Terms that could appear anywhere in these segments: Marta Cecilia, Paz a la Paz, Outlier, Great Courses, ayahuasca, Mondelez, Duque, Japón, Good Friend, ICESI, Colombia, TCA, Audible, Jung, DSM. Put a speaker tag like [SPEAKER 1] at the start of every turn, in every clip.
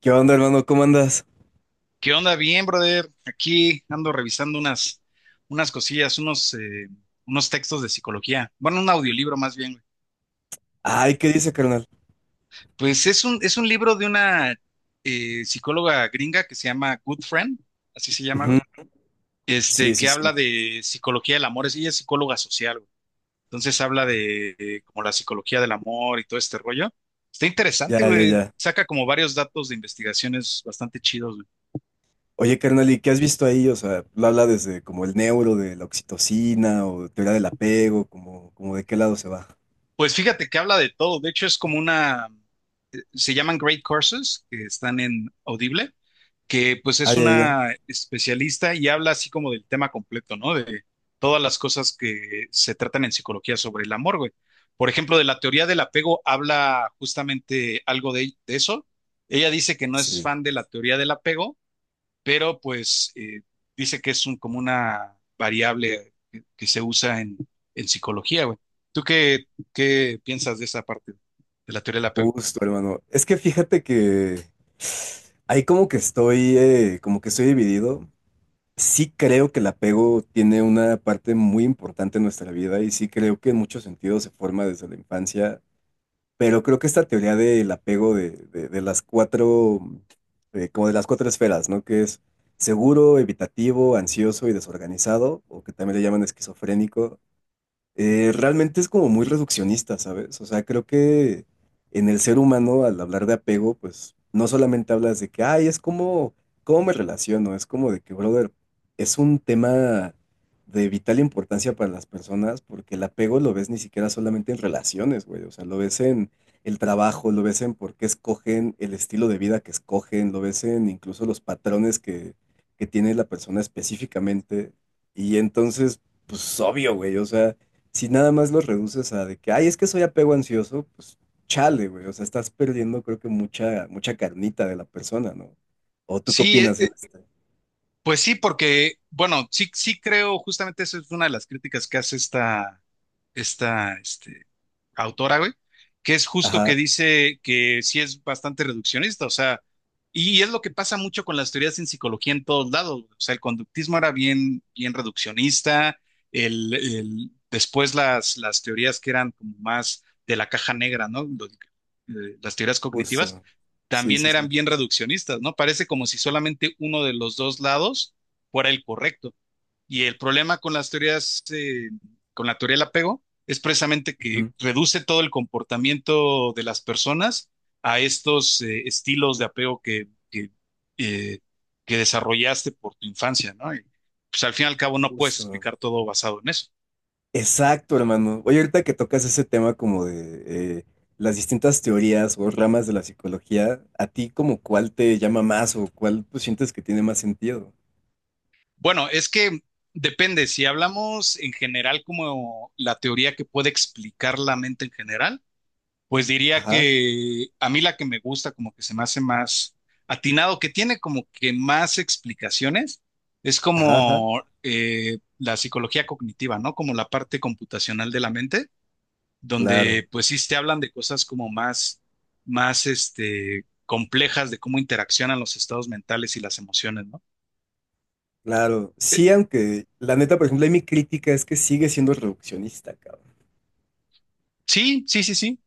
[SPEAKER 1] ¿Qué onda, hermano? ¿Cómo andas?
[SPEAKER 2] ¿Qué onda? Bien, brother. Aquí ando revisando unas cosillas, unos textos de psicología. Bueno, un audiolibro más bien, güey.
[SPEAKER 1] Ay, ¿qué dice, carnal?
[SPEAKER 2] Pues es un libro de una psicóloga gringa que se llama Good Friend, así se llama, güey.
[SPEAKER 1] Ujú. Sí, sí,
[SPEAKER 2] Que
[SPEAKER 1] sí.
[SPEAKER 2] habla de psicología del amor. Ella es psicóloga social, güey. Entonces habla de, como la psicología del amor y todo este rollo. Está interesante,
[SPEAKER 1] Ya, ya,
[SPEAKER 2] güey.
[SPEAKER 1] ya.
[SPEAKER 2] Saca como varios datos de investigaciones bastante chidos, güey.
[SPEAKER 1] Oye, carnal, ¿y qué has visto ahí? O sea, lo habla desde como el neuro de la oxitocina o teoría del apego, como, como de qué lado se va.
[SPEAKER 2] Pues fíjate que habla de todo. De hecho, es como una, se llaman Great Courses, que están en Audible, que pues
[SPEAKER 1] Ah,
[SPEAKER 2] es
[SPEAKER 1] ya, ya, ya.
[SPEAKER 2] una especialista y habla así como del tema completo, ¿no? De todas las cosas que se tratan en psicología sobre el amor, güey. Por ejemplo, de la teoría del apego habla justamente algo de eso. Ella dice que no es
[SPEAKER 1] Sí,
[SPEAKER 2] fan de la teoría del apego, pero pues dice que es un, como una variable que se usa en psicología, güey. ¿Tú qué, ¿qué piensas de esa parte de la teoría del apego?
[SPEAKER 1] justo, hermano. Es que fíjate que ahí como que estoy dividido. Sí creo que el apego tiene una parte muy importante en nuestra vida y sí creo que en muchos sentidos se forma desde la infancia. Pero creo que esta teoría del apego de las cuatro, como de las cuatro esferas, ¿no? Que es seguro, evitativo, ansioso y desorganizado, o que también le llaman esquizofrénico, realmente es como muy reduccionista, ¿sabes? O sea, creo que en el ser humano, al hablar de apego, pues no solamente hablas de que, ay, es como, ¿cómo me relaciono? Es como de que, brother, es un tema de vital importancia para las personas porque el apego lo ves ni siquiera solamente en relaciones, güey. O sea, lo ves en el trabajo, lo ves en por qué escogen el estilo de vida que escogen, lo ves en incluso los patrones que tiene la persona específicamente. Y entonces, pues obvio, güey, o sea, si nada más los reduces a de que, ay, es que soy apego ansioso, pues chale, güey. O sea, estás perdiendo, creo que mucha, mucha carnita de la persona, ¿no? ¿O tú qué
[SPEAKER 2] Sí,
[SPEAKER 1] opinas en este?
[SPEAKER 2] pues sí, porque, bueno, sí creo, justamente eso es una de las críticas que hace esta autora, güey, que es justo que
[SPEAKER 1] Ajá,
[SPEAKER 2] dice que sí es bastante reduccionista, o sea, y es lo que pasa mucho con las teorías en psicología en todos lados, o sea, el conductismo era bien reduccionista, después las teorías que eran como más de la caja negra, ¿no? Las teorías cognitivas
[SPEAKER 1] justo. Sí,
[SPEAKER 2] también
[SPEAKER 1] sí,
[SPEAKER 2] eran
[SPEAKER 1] sí.
[SPEAKER 2] bien reduccionistas, ¿no? Parece como si solamente uno de los dos lados fuera el correcto. Y el problema con con la teoría del apego, es precisamente que
[SPEAKER 1] Ujú.
[SPEAKER 2] reduce todo el comportamiento de las personas a estos estilos de apego eh, que desarrollaste por tu infancia, ¿no? Y pues al fin y al cabo no puedes
[SPEAKER 1] Justo.
[SPEAKER 2] explicar todo basado en eso.
[SPEAKER 1] Exacto, hermano. Oye, ahorita que tocas ese tema como de las distintas teorías o ramas de la psicología, ¿a ti como cuál te llama más o cuál, pues, sientes que tiene más sentido?
[SPEAKER 2] Bueno, es que depende, si hablamos en general como la teoría que puede explicar la mente en general, pues diría
[SPEAKER 1] Ajá,
[SPEAKER 2] que a mí la que me gusta, como que se me hace más atinado, que tiene como que más explicaciones, es
[SPEAKER 1] ajá, ajá.
[SPEAKER 2] como la psicología cognitiva, ¿no? Como la parte computacional de la mente,
[SPEAKER 1] Claro.
[SPEAKER 2] donde pues sí te hablan de cosas como más, más complejas de cómo interaccionan los estados mentales y las emociones, ¿no?
[SPEAKER 1] Claro,
[SPEAKER 2] Eh,
[SPEAKER 1] sí, aunque la neta, por ejemplo, ahí mi crítica es que sigue siendo reduccionista, cabrón.
[SPEAKER 2] sí, sí.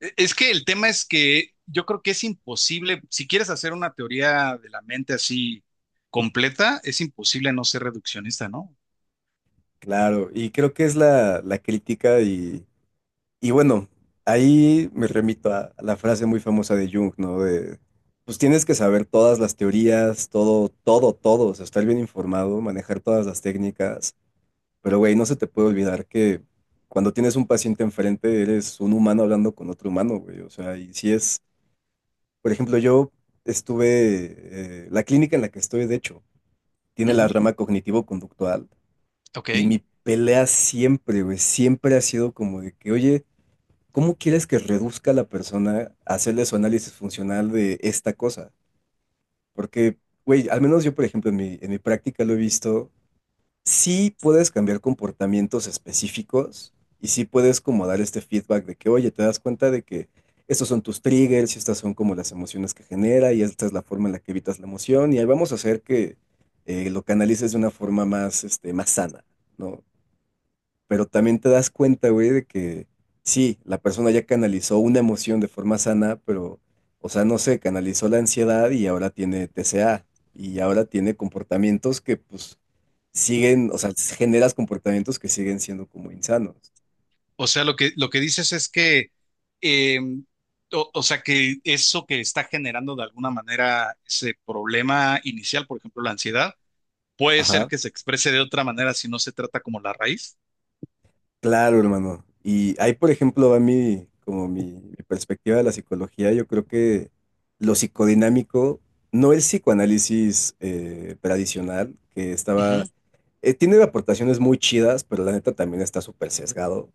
[SPEAKER 2] Es que el tema es que yo creo que es imposible, si quieres hacer una teoría de la mente así completa, es imposible no ser reduccionista, ¿no?
[SPEAKER 1] Claro, y creo que es la crítica y bueno, ahí me remito a la frase muy famosa de Jung, ¿no? De, pues tienes que saber todas las teorías, todo, todo, todo, o sea, estar bien informado, manejar todas las técnicas, pero güey, no se te puede olvidar que cuando tienes un paciente enfrente, eres un humano hablando con otro humano, güey, o sea, y si es, por ejemplo, yo estuve, la clínica en la que estoy, de hecho, tiene la
[SPEAKER 2] Ujú.
[SPEAKER 1] rama cognitivo-conductual.
[SPEAKER 2] Ok.
[SPEAKER 1] Y mi pelea siempre, güey, siempre ha sido como de que, oye, ¿cómo quieres que reduzca a la persona a hacerle su análisis funcional de esta cosa? Porque, güey, al menos yo, por ejemplo, en mi práctica lo he visto, sí puedes cambiar comportamientos específicos y sí puedes como dar este feedback de que, oye, te das cuenta de que estos son tus triggers y estas son como las emociones que genera y esta es la forma en la que evitas la emoción y ahí vamos a hacer que lo canalices de una forma más, este, más sana, ¿no? Pero también te das cuenta, güey, de que sí, la persona ya canalizó una emoción de forma sana, pero, o sea, no sé, canalizó la ansiedad y ahora tiene TCA y ahora tiene comportamientos que pues siguen, o sea, generas comportamientos que siguen siendo como insanos.
[SPEAKER 2] O sea, lo que dices es que, eh, o sea, que eso que está generando de alguna manera ese problema inicial, por ejemplo, la ansiedad, puede ser que se exprese de otra manera si no se trata como la raíz.
[SPEAKER 1] Claro, hermano. Y ahí, por ejemplo, va mi, como mi perspectiva de la psicología. Yo creo que lo psicodinámico, no el psicoanálisis tradicional, que estaba, tiene aportaciones muy chidas, pero la neta también está súper sesgado.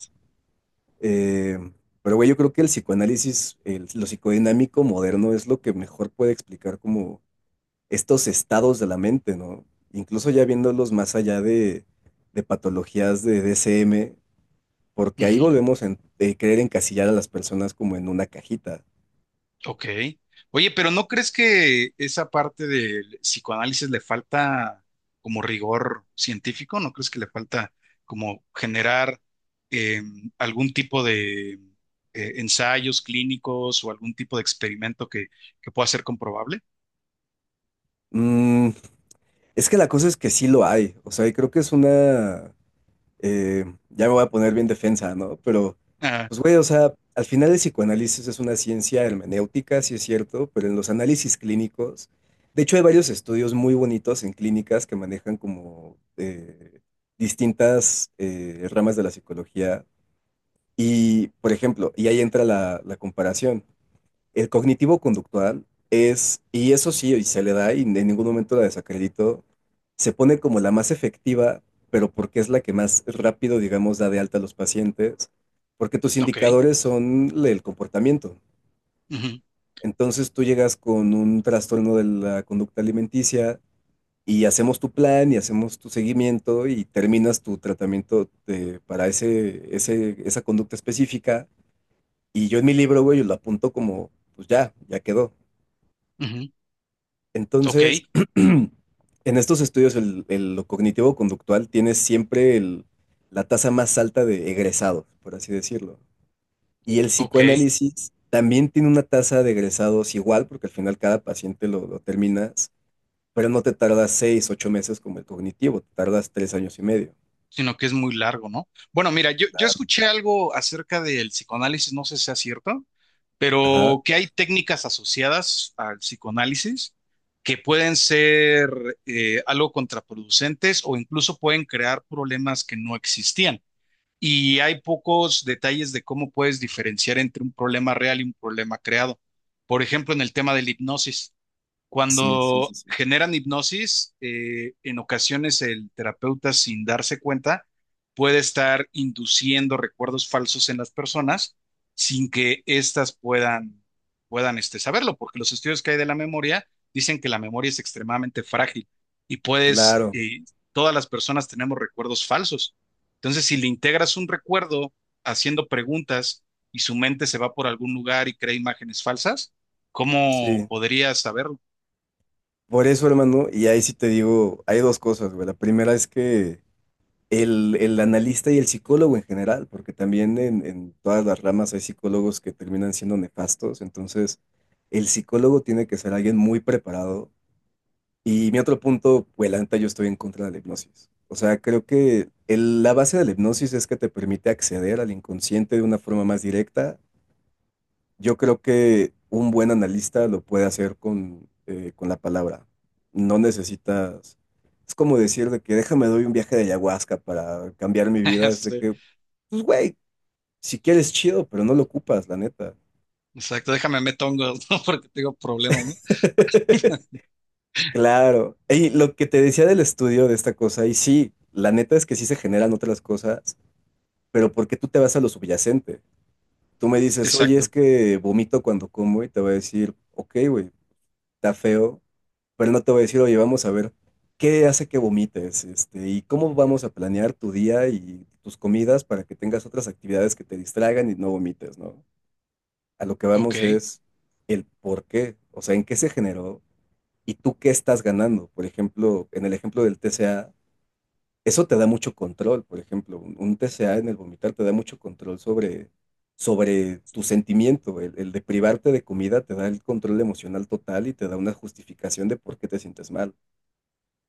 [SPEAKER 1] Eh, pero, güey, yo creo que el psicoanálisis, lo psicodinámico moderno es lo que mejor puede explicar como estos estados de la mente, ¿no? Incluso ya viéndolos más allá de patologías de DSM, porque
[SPEAKER 2] Ujú,
[SPEAKER 1] ahí
[SPEAKER 2] ujú.
[SPEAKER 1] volvemos a querer encasillar a las personas como en una cajita.
[SPEAKER 2] Ok. Oye, pero ¿no crees que esa parte del psicoanálisis le falta como rigor científico? ¿No crees que le falta como generar eh, algún tipo de ensayos clínicos o algún tipo de experimento que pueda ser comprobable?
[SPEAKER 1] Mm, es que la cosa es que sí lo hay, o sea, y creo que es una, eh, ya me voy a poner bien defensa, ¿no? Pero,
[SPEAKER 2] Ah,
[SPEAKER 1] pues güey, o sea, al final el psicoanálisis es una ciencia hermenéutica, sí es cierto, pero en los análisis clínicos, de hecho hay varios estudios muy bonitos en clínicas que manejan como distintas ramas de la psicología. Y, por ejemplo, y ahí entra la comparación. El cognitivo conductual es, y eso sí, y se le da y en ningún momento la desacredito, se pone como la más efectiva, pero porque es la que más rápido, digamos, da de alta a los pacientes, porque tus
[SPEAKER 2] ok.
[SPEAKER 1] indicadores son el comportamiento.
[SPEAKER 2] Ujú,
[SPEAKER 1] Entonces tú llegas con un trastorno de la conducta alimenticia y hacemos tu plan y hacemos tu seguimiento y terminas tu tratamiento para esa conducta específica. Y yo en mi libro, güey, lo apunto como, pues ya, ya quedó.
[SPEAKER 2] ujú. Ok,
[SPEAKER 1] Entonces, en estos estudios, lo cognitivo-conductual tiene siempre la tasa más alta de egresados, por así decirlo. Y el
[SPEAKER 2] ok.
[SPEAKER 1] psicoanálisis también tiene una tasa de egresados igual, porque al final cada paciente lo terminas, pero no te tardas 6, 8 meses como el cognitivo, te tardas 3 años y medio.
[SPEAKER 2] Sino que es muy largo, ¿no? Bueno, mira, yo escuché algo acerca del psicoanálisis, no sé si sea cierto,
[SPEAKER 1] Ajá.
[SPEAKER 2] pero que hay técnicas asociadas al psicoanálisis que pueden ser algo contraproducentes o incluso pueden crear problemas que no existían. Y hay pocos detalles de cómo puedes diferenciar entre un problema real y un problema creado. Por ejemplo, en el tema de la hipnosis.
[SPEAKER 1] Sí, sí, sí,
[SPEAKER 2] Cuando
[SPEAKER 1] sí.
[SPEAKER 2] generan hipnosis, en ocasiones el terapeuta, sin darse cuenta, puede estar induciendo recuerdos falsos en las personas sin que éstas puedan saberlo, porque los estudios que hay de la memoria dicen que la memoria es extremadamente frágil y
[SPEAKER 1] Claro,
[SPEAKER 2] todas las personas tenemos recuerdos falsos. Entonces, si le integras un recuerdo haciendo preguntas y su mente se va por algún lugar y crea imágenes falsas, ¿cómo
[SPEAKER 1] sí.
[SPEAKER 2] podrías saberlo?
[SPEAKER 1] Por eso, hermano, y ahí sí te digo, hay dos cosas, güey. La primera es que el analista y el psicólogo en general, porque también en todas las ramas hay psicólogos que terminan siendo nefastos, entonces el psicólogo tiene que ser alguien muy preparado. Y mi otro punto, pues la neta, yo estoy en contra de la hipnosis. O sea, creo que la base de la hipnosis es que te permite acceder al inconsciente de una forma más directa. Yo creo que un buen analista lo puede hacer con la palabra. No necesitas, es como decir de que déjame doy un viaje de ayahuasca para cambiar mi vida. Es de
[SPEAKER 2] Sí,
[SPEAKER 1] que, pues güey, si quieres chido, pero no lo ocupas, la neta.
[SPEAKER 2] exacto, déjame meter hongos, ¿no? Porque tengo problemas, ¿no?
[SPEAKER 1] Claro. Y lo que te decía del estudio de esta cosa, y sí, la neta es que sí se generan otras cosas, pero ¿por qué tú te vas a lo subyacente? Tú me dices, oye,
[SPEAKER 2] Exacto,
[SPEAKER 1] es que vomito cuando como y te voy a decir, ok, güey, está feo, pero no te voy a decir, oye, vamos a ver qué hace que vomites, este, y cómo vamos a planear tu día y tus comidas para que tengas otras actividades que te distraigan y no vomites, ¿no? A lo que
[SPEAKER 2] ok,
[SPEAKER 1] vamos es el por qué, o sea, en qué se generó y tú qué estás ganando. Por ejemplo, en el ejemplo del TCA, eso te da mucho control, por ejemplo, un TCA en el vomitar te da mucho control sobre tu sentimiento, el de privarte de comida te da el control emocional total y te da una justificación de por qué te sientes mal.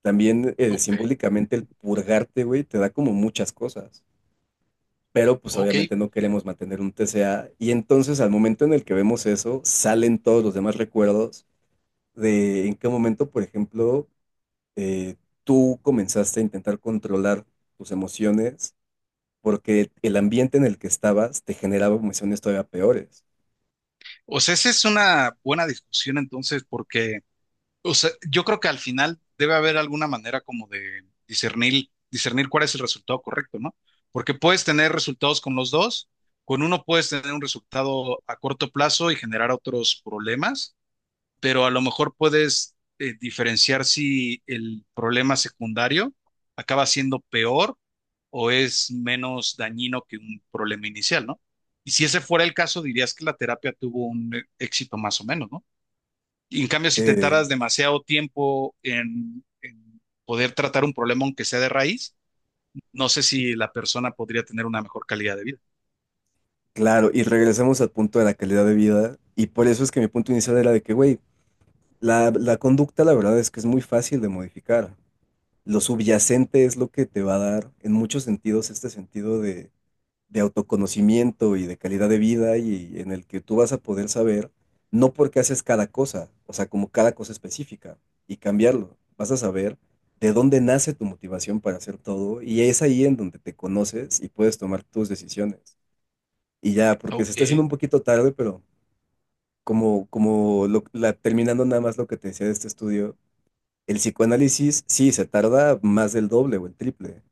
[SPEAKER 1] También
[SPEAKER 2] ok,
[SPEAKER 1] simbólicamente el purgarte, güey, te da como muchas cosas, pero pues
[SPEAKER 2] ok.
[SPEAKER 1] obviamente no queremos mantener un TCA y entonces al momento en el que vemos eso, salen todos los demás recuerdos de en qué momento, por ejemplo, eh, tú comenzaste a intentar controlar tus emociones porque el ambiente en el que estabas te generaba emociones todavía peores.
[SPEAKER 2] O sea, esa es una buena discusión entonces, porque, o sea, yo creo que al final debe haber alguna manera como de discernir cuál es el resultado correcto, ¿no? Porque puedes tener resultados con los dos, con uno puedes tener un resultado a corto plazo y generar otros problemas, pero a lo mejor puedes diferenciar si el problema secundario acaba siendo peor o es menos dañino que un problema inicial, ¿no? Y si ese fuera el caso, dirías que la terapia tuvo un éxito más o menos, ¿no? Y en cambio, si te
[SPEAKER 1] Eh,
[SPEAKER 2] tardas demasiado tiempo en poder tratar un problema, aunque sea de raíz, no sé si la persona podría tener una mejor calidad de vida.
[SPEAKER 1] Claro, y regresamos al punto de la calidad de vida, y por eso es que mi punto inicial era de que, güey, la conducta la verdad es que es muy fácil de modificar. Lo subyacente es lo que te va a dar en muchos sentidos este sentido de autoconocimiento y de calidad de vida y en el que tú vas a poder saber, no porque haces cada cosa, o sea, como cada cosa específica, y cambiarlo. Vas a saber de dónde nace tu motivación para hacer todo, y es ahí en donde te conoces y puedes tomar tus decisiones. Y ya, porque se está haciendo un
[SPEAKER 2] Ok.
[SPEAKER 1] poquito tarde, pero como, como terminando nada más lo que te decía de este estudio, el psicoanálisis sí se tarda más del doble o el triple,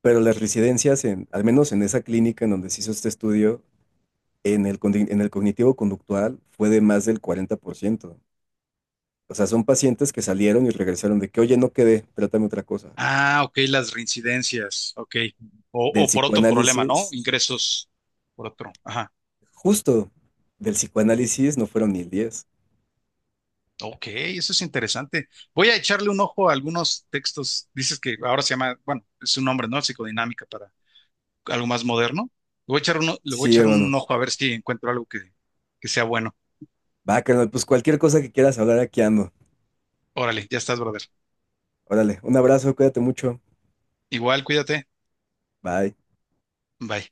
[SPEAKER 1] pero las residencias, en, al menos en esa clínica en donde se hizo este estudio, en el, en el cognitivo conductual fue de más del 40%. O sea, son pacientes que salieron y regresaron de que, oye, no quedé, trátame otra cosa.
[SPEAKER 2] Ah, ok, las reincidencias, ok.
[SPEAKER 1] Del
[SPEAKER 2] O por otro problema, ¿no?
[SPEAKER 1] psicoanálisis,
[SPEAKER 2] Ingresos por otro. Ajá.
[SPEAKER 1] justo, del psicoanálisis no fueron ni el 10.
[SPEAKER 2] Ok, eso es interesante. Voy a echarle un ojo a algunos textos. Dices que ahora se llama, bueno, es un nombre, ¿no? Psicodinámica para algo más moderno. Le voy a echar le voy a
[SPEAKER 1] Sí,
[SPEAKER 2] echar un
[SPEAKER 1] hermano.
[SPEAKER 2] ojo a ver si encuentro algo que sea bueno.
[SPEAKER 1] Va, carnal, pues cualquier cosa que quieras hablar aquí ando.
[SPEAKER 2] Órale, ya estás, brother.
[SPEAKER 1] Órale, un abrazo, cuídate mucho.
[SPEAKER 2] Igual, cuídate.
[SPEAKER 1] Bye.
[SPEAKER 2] Bye.